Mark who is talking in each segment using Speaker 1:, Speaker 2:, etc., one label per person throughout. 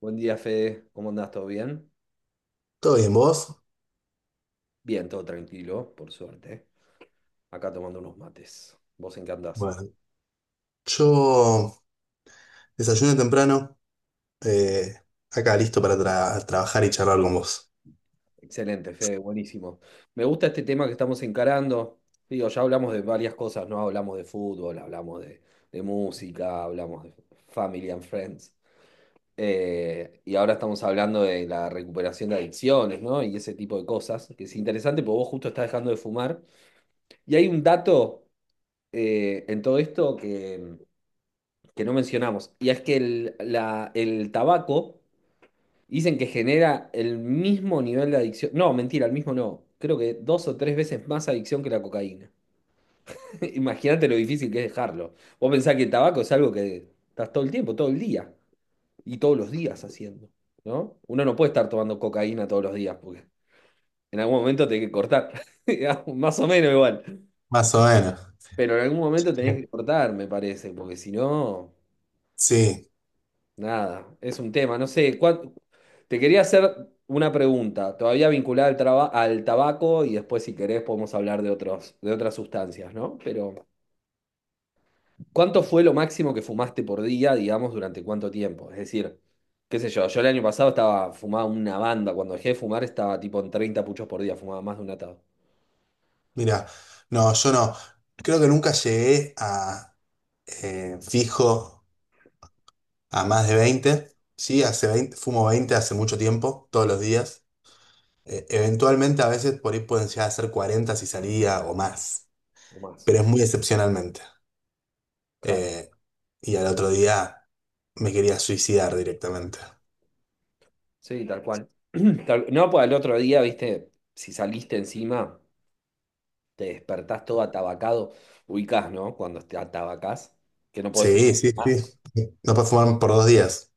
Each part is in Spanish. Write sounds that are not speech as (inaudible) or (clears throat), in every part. Speaker 1: Buen día, Fede. ¿Cómo andás? ¿Todo bien?
Speaker 2: ¿Todo bien, vos?
Speaker 1: Bien, todo tranquilo, por suerte. Acá tomando unos mates. ¿Vos en qué andás?
Speaker 2: Bueno, yo desayuno temprano, eh, acá listo para trabajar y charlar con vos.
Speaker 1: Excelente, Fede, buenísimo. Me gusta este tema que estamos encarando. Digo, ya hablamos de varias cosas, ¿no? Hablamos de fútbol, hablamos de música, hablamos de family and friends. Y ahora estamos hablando de la recuperación de adicciones, ¿no? Y ese tipo de cosas, que es interesante porque vos justo estás dejando de fumar. Y hay un dato en todo esto que no mencionamos, y es que el tabaco dicen que genera el mismo nivel de adicción. No, mentira, el mismo no. Creo que 2 o 3 veces más adicción que la cocaína. (laughs) Imagínate lo difícil que es dejarlo. Vos pensás que el tabaco es algo que estás todo el tiempo, todo el día, y todos los días haciendo, ¿no? Uno no puede estar tomando cocaína todos los días, porque en algún momento tenés que cortar, (laughs) digamos, más o menos igual.
Speaker 2: Más o menos.
Speaker 1: Pero en algún momento tenés
Speaker 2: Bien.
Speaker 1: que cortar, me parece, porque si no...
Speaker 2: Sí,
Speaker 1: Nada, es un tema. No sé, te quería hacer una pregunta, todavía vinculada al tabaco y después si querés podemos hablar de otros, de otras sustancias, ¿no? Pero, ¿cuánto fue lo máximo que fumaste por día, digamos, durante cuánto tiempo? Es decir, qué sé yo, yo el año pasado estaba fumaba una banda, cuando dejé de fumar estaba tipo en 30 puchos por día, fumaba más de un atado,
Speaker 2: mira, no, yo no. Creo que nunca llegué a fijo a más de 20. Sí, hace 20 fumo 20 hace mucho tiempo, todos los días. Eventualmente a veces por ahí pueden llegar a ser 40 si salía o más,
Speaker 1: o más.
Speaker 2: pero es muy excepcionalmente.
Speaker 1: Claro,
Speaker 2: Eh, y al otro día me quería suicidar directamente.
Speaker 1: sí, tal cual. (clears throat) No, pues al otro día, viste, si saliste encima... te despertás todo atabacado, ubicás, ¿no? Cuando te atabacás, que no podés
Speaker 2: Sí,
Speaker 1: fumar.
Speaker 2: sí, sí. No puedes fumar por 2 días.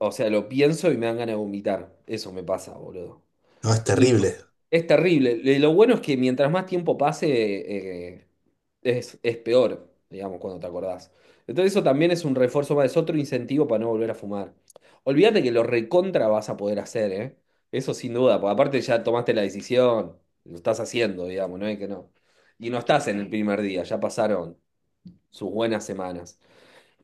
Speaker 1: O sea, lo pienso y me dan ganas de vomitar. Eso me pasa, boludo.
Speaker 2: No, es
Speaker 1: Y
Speaker 2: terrible.
Speaker 1: es terrible. Lo bueno es que mientras más tiempo pase, eh, es peor, digamos, cuando te acordás. Entonces eso también es un refuerzo más, es otro incentivo para no volver a fumar. Olvídate que lo recontra vas a poder hacer, ¿eh? Eso sin duda, porque aparte ya tomaste la decisión, lo estás haciendo, digamos, no es que no. Y no estás en el primer día, ya pasaron sus buenas semanas.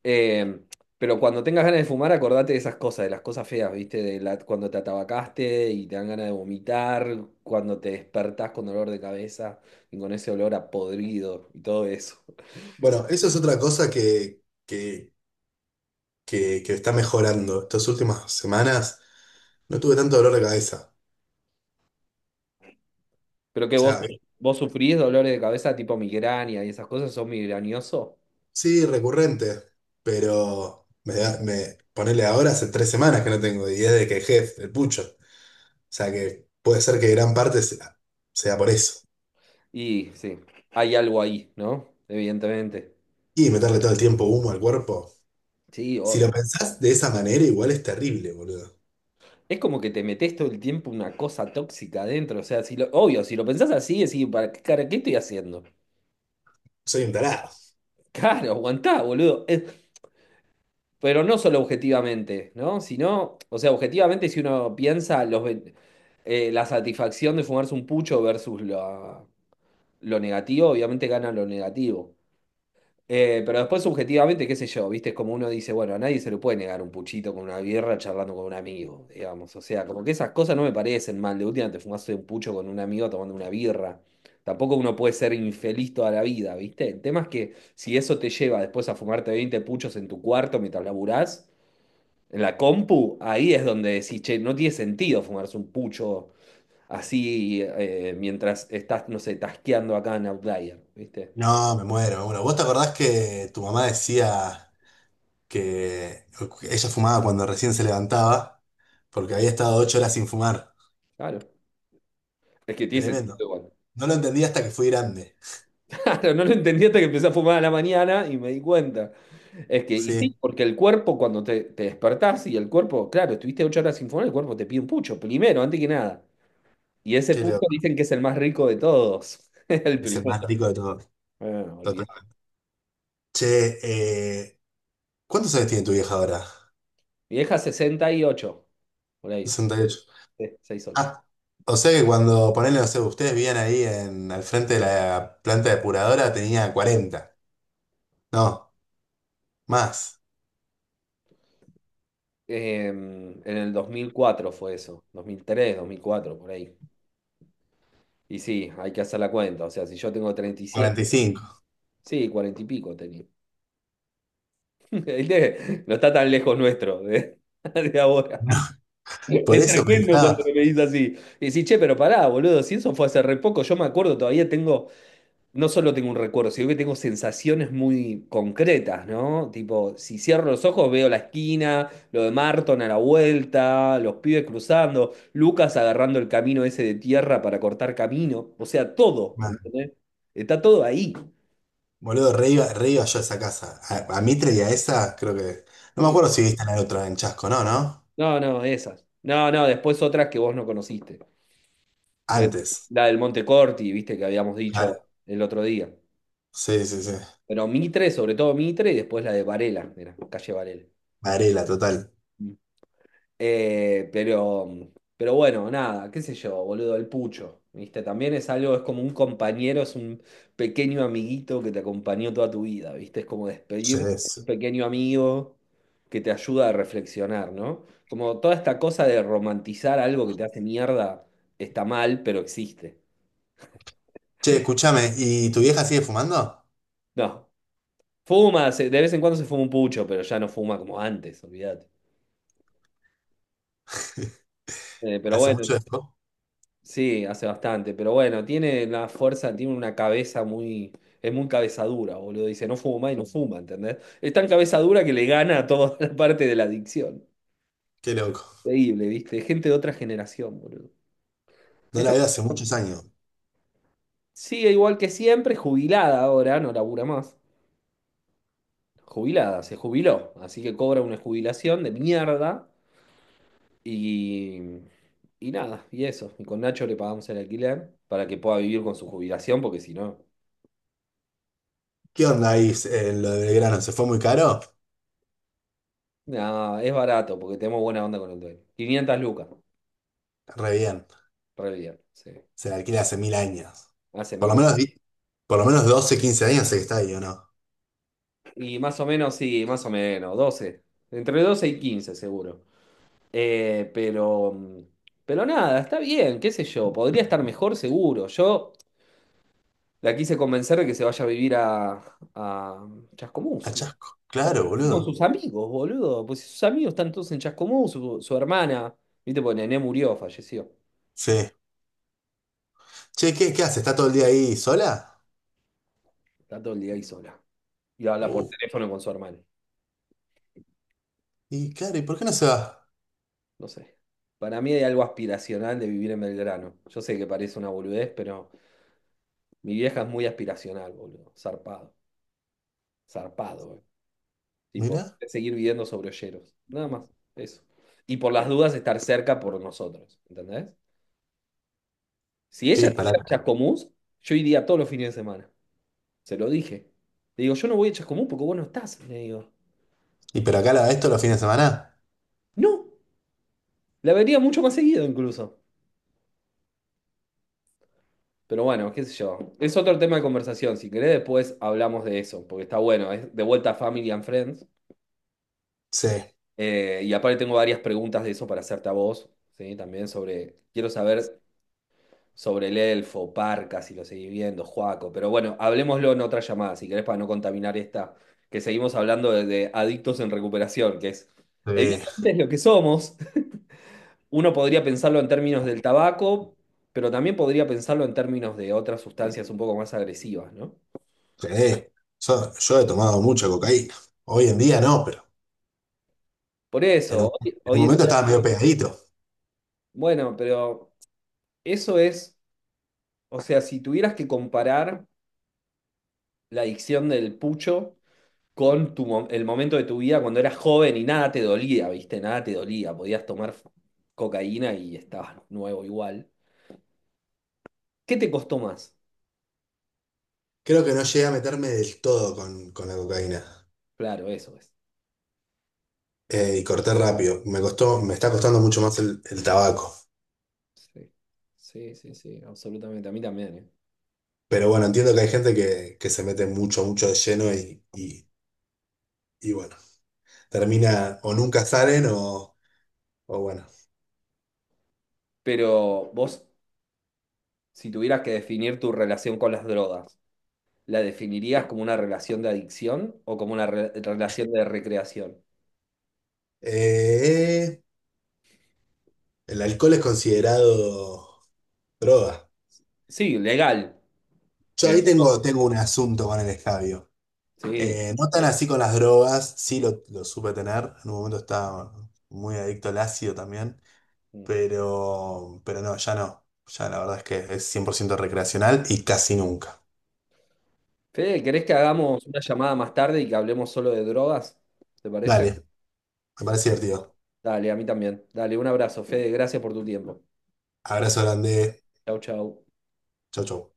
Speaker 1: Eh, pero cuando tengas ganas de fumar, acordate de esas cosas, de las cosas feas, ¿viste? Cuando te atabacaste y te dan ganas de vomitar, cuando te despertás con dolor de cabeza y con ese olor a podrido y todo eso.
Speaker 2: Bueno, eso es otra cosa que está mejorando. Estas últimas semanas no tuve tanto dolor de cabeza.
Speaker 1: Pero que
Speaker 2: O
Speaker 1: vos,
Speaker 2: sea,
Speaker 1: vos sufrís dolores de cabeza tipo migraña y esas cosas, sos migrañoso.
Speaker 2: sí, recurrente, pero me ponele ahora hace 3 semanas que no tengo, y es de que dejé el pucho. O sea que puede ser que gran parte sea por eso.
Speaker 1: Y sí, hay algo ahí, ¿no? Evidentemente.
Speaker 2: Y meterle todo el tiempo humo al cuerpo.
Speaker 1: Sí,
Speaker 2: Si lo
Speaker 1: obvio.
Speaker 2: pensás de esa manera, igual es terrible, boludo.
Speaker 1: Es como que te metes todo el tiempo una cosa tóxica adentro. O sea, si lo, obvio, si lo pensás así, decís, ¿para qué, cara, qué estoy haciendo?
Speaker 2: Soy un tarado.
Speaker 1: Claro, aguantá, boludo. Pero no solo objetivamente, ¿no? Sino, o sea, objetivamente, si uno piensa la satisfacción de fumarse un pucho versus lo negativo, obviamente gana lo negativo. Pero después, subjetivamente, qué sé yo, ¿viste? Es como uno dice, bueno, a nadie se le puede negar un puchito con una birra charlando con un amigo, digamos. O sea, como que esas cosas no me parecen mal. De última te fumaste un pucho con un amigo tomando una birra. Tampoco uno puede ser infeliz toda la vida, ¿viste? El tema es que si eso te lleva después a fumarte 20 puchos en tu cuarto mientras laburás, en la compu, ahí es donde decís, che, no tiene sentido fumarse un pucho así mientras estás, no sé, tasqueando acá en Outlier, ¿viste?
Speaker 2: No, me muero. Bueno, ¿vos te acordás que tu mamá decía que ella fumaba cuando recién se levantaba porque había estado 8 horas sin fumar?
Speaker 1: Claro. Es que tiene sentido
Speaker 2: Tremendo.
Speaker 1: igual.
Speaker 2: No lo entendí hasta que fui grande.
Speaker 1: Claro, no lo entendí hasta que empecé a fumar a la mañana y me di cuenta. Es que, y
Speaker 2: Sí,
Speaker 1: sí, porque el cuerpo cuando te despertás y el cuerpo, claro, estuviste 8 horas sin fumar, el cuerpo te pide un pucho, primero, antes que nada. Y ese
Speaker 2: qué
Speaker 1: pucho
Speaker 2: loco.
Speaker 1: dicen que es el más rico de todos. (laughs) El
Speaker 2: Es el
Speaker 1: primero.
Speaker 2: más rico de todos.
Speaker 1: Bueno, olvidé.
Speaker 2: Total. Che, eh, ¿cuántos años tiene tu vieja ahora?
Speaker 1: Mi vieja 68, por ahí, sesenta
Speaker 2: 68.
Speaker 1: y seis ocho.
Speaker 2: Ah, o sea que cuando ponerle, no sé, ustedes vivían ahí en, al frente de la planta depuradora, tenía 40. No, más.
Speaker 1: En el 2004 fue eso, dos mil tres 2004 por ahí. Y sí, hay que hacer la cuenta. O sea, si yo tengo 37.
Speaker 2: 45. (laughs)
Speaker 1: Sí, 40 y pico tenía. ¿Viste? No está tan lejos nuestro de, (laughs) de ahora.
Speaker 2: No, por
Speaker 1: Es
Speaker 2: eso
Speaker 1: tremendo cuando
Speaker 2: pensaba.
Speaker 1: me dice así. Y decís, che, pero pará, boludo, si eso fue hace re poco, yo me acuerdo, todavía tengo, no solo tengo un recuerdo, sino que tengo sensaciones muy concretas, ¿no? Tipo, si cierro los ojos veo la esquina, lo de Marton a la vuelta, los pibes cruzando, Lucas agarrando el camino ese de tierra para cortar camino, o sea, todo, ¿entendés? Está todo ahí.
Speaker 2: Boludo, re iba yo a esa casa. A Mitre y a esa, creo que. No me
Speaker 1: Sí.
Speaker 2: acuerdo si viste en el otro, en Chasco, ¿no? ¿No?
Speaker 1: No, no, esas. No, no, después otras que vos no conociste. Pero
Speaker 2: Antes.
Speaker 1: la del Montecorti, viste, que habíamos dicho
Speaker 2: Claro.
Speaker 1: el otro día.
Speaker 2: Sí, sí, sí.
Speaker 1: Pero Mitre, sobre todo Mitre, y después la de Varela, mira, calle Varela.
Speaker 2: Varela, total.
Speaker 1: Mm. Eh, pero, pero bueno, nada, qué sé yo, boludo, el pucho, viste, también es algo, es como un compañero, es un pequeño amiguito que te acompañó toda tu vida, viste, es como
Speaker 2: Sí,
Speaker 1: despedir un
Speaker 2: es.
Speaker 1: pequeño amigo que te ayuda a reflexionar, ¿no? Como toda esta cosa de romantizar algo que te hace mierda está mal, pero existe. (laughs)
Speaker 2: Che, escúchame, ¿y tu vieja sigue fumando?
Speaker 1: No. Fuma, de vez en cuando se fuma un pucho, pero ya no fuma como antes, olvídate.
Speaker 2: (laughs)
Speaker 1: Pero
Speaker 2: ¿Hace
Speaker 1: bueno,
Speaker 2: mucho esto?
Speaker 1: sí, hace bastante. Pero bueno, tiene la fuerza, tiene una cabeza muy. Es muy cabezadura, boludo. Dice, no fuma y no fuma, ¿entendés? Es tan cabezadura que le gana a toda (laughs) la parte de la adicción.
Speaker 2: Qué loco.
Speaker 1: Increíble, ¿viste? Gente de otra generación, boludo.
Speaker 2: No
Speaker 1: Esto
Speaker 2: la veo hace muchos años.
Speaker 1: sigue igual que siempre, jubilada ahora, no labura más. Jubilada, se jubiló. Así que cobra una jubilación de mierda. Y, y nada, y eso. Y con Nacho le pagamos el alquiler para que pueda vivir con su jubilación, porque si no,
Speaker 2: ¿Qué onda ahí en lo de Belgrano? ¿Se fue muy caro?
Speaker 1: nada, es barato, porque tenemos buena onda con el dueño. 500 lucas,
Speaker 2: Re bien.
Speaker 1: re bien, sí.
Speaker 2: Se la alquila hace mil años.
Speaker 1: Hace
Speaker 2: Por lo
Speaker 1: mil.
Speaker 2: menos, por lo menos 12, 15 años sé que está ahí, ¿o no?
Speaker 1: Y más o menos, sí, más o menos, 12. Entre 12 y 15 seguro. Eh, pero, mm, pero nada, está bien, qué sé yo. Podría estar mejor, seguro. Yo la quise convencer de que se vaya a vivir a,
Speaker 2: A
Speaker 1: Chascomús.
Speaker 2: Chasco. Claro,
Speaker 1: Esté con
Speaker 2: boludo.
Speaker 1: sus amigos, boludo. Pues si sus amigos están todos en Chascomú, su hermana, viste, pues Nené murió, falleció.
Speaker 2: Sí. Che, ¿qué, qué hace? ¿Está todo el día ahí sola?
Speaker 1: Está todo el día ahí sola. Y habla
Speaker 2: Uh,
Speaker 1: por teléfono con su hermano.
Speaker 2: y claro, ¿y por qué no se va?
Speaker 1: No sé. Para mí hay algo aspiracional de vivir en Belgrano. Yo sé que parece una boludez, pero mi vieja es muy aspiracional, boludo. Zarpado. Zarpado, eh. Tipo,
Speaker 2: Mira,
Speaker 1: seguir viviendo sobre Olleros. Nada más. Eso. Y por las dudas estar cerca por nosotros. ¿Entendés? Si
Speaker 2: qué
Speaker 1: ella estuviera
Speaker 2: disparate.
Speaker 1: en Chascomús, yo iría todos los fines de semana. Se lo dije. Le digo, yo no voy a Chascomús porque vos no estás. Le digo,
Speaker 2: ¿Y pero acá la, esto los fines de semana?
Speaker 1: no, la vería mucho más seguido incluso. Pero bueno, qué sé yo. Es otro tema de conversación. Si querés, después hablamos de eso, porque está bueno. Es de vuelta a Family and Friends.
Speaker 2: Sí,
Speaker 1: Y aparte tengo varias preguntas de eso para hacerte a vos, ¿sí? También sobre, quiero saber sobre el elfo, Parca, si lo seguís viendo, Joaco. Pero bueno, hablemoslo en otra llamada, si querés, para no contaminar esta, que seguimos hablando de adictos en recuperación, que es,
Speaker 2: sí,
Speaker 1: evidentemente es lo que somos. Uno podría pensarlo en términos del tabaco, pero también podría pensarlo en términos de otras sustancias un poco más agresivas, ¿no?
Speaker 2: sí. Yo he tomado mucha cocaína. Hoy en día no, pero
Speaker 1: Por eso, hoy,
Speaker 2: en un
Speaker 1: hoy en
Speaker 2: momento
Speaker 1: día,
Speaker 2: estaba medio pegadito.
Speaker 1: bueno, pero eso es, o sea, si tuvieras que comparar la adicción del pucho con el momento de tu vida cuando eras joven y nada te dolía, ¿viste? Nada te dolía, podías tomar cocaína y estabas nuevo igual. ¿Qué te costó más?
Speaker 2: Creo que no llegué a meterme del todo con la cocaína.
Speaker 1: Claro, eso es.
Speaker 2: Y corté rápido. Me costó, me está costando mucho más el tabaco.
Speaker 1: Sí, sí, sí, sí, absolutamente. A mí también, ¿eh?
Speaker 2: Pero bueno, entiendo que hay gente que se mete mucho, mucho de lleno y bueno, termina o nunca salen o bueno.
Speaker 1: Pero vos, si tuvieras que definir tu relación con las drogas, ¿la definirías como una relación de adicción o como una relación de recreación?
Speaker 2: Eh, El alcohol es considerado droga.
Speaker 1: Sí, legal,
Speaker 2: Yo
Speaker 1: pero
Speaker 2: ahí tengo, tengo un asunto con el escabio.
Speaker 1: sí.
Speaker 2: No tan así con las drogas, sí lo supe tener. En un momento estaba muy adicto al ácido también, pero no, ya no. Ya la verdad es que es 100% recreacional y casi nunca.
Speaker 1: Fede, ¿querés que hagamos una llamada más tarde y que hablemos solo de drogas? ¿Te parece?
Speaker 2: Dale, me parece divertido.
Speaker 1: Dale, a mí también. Dale, un abrazo, Fede. Gracias por tu tiempo.
Speaker 2: Abrazo grande.
Speaker 1: Chau, chau.
Speaker 2: Chau, chau.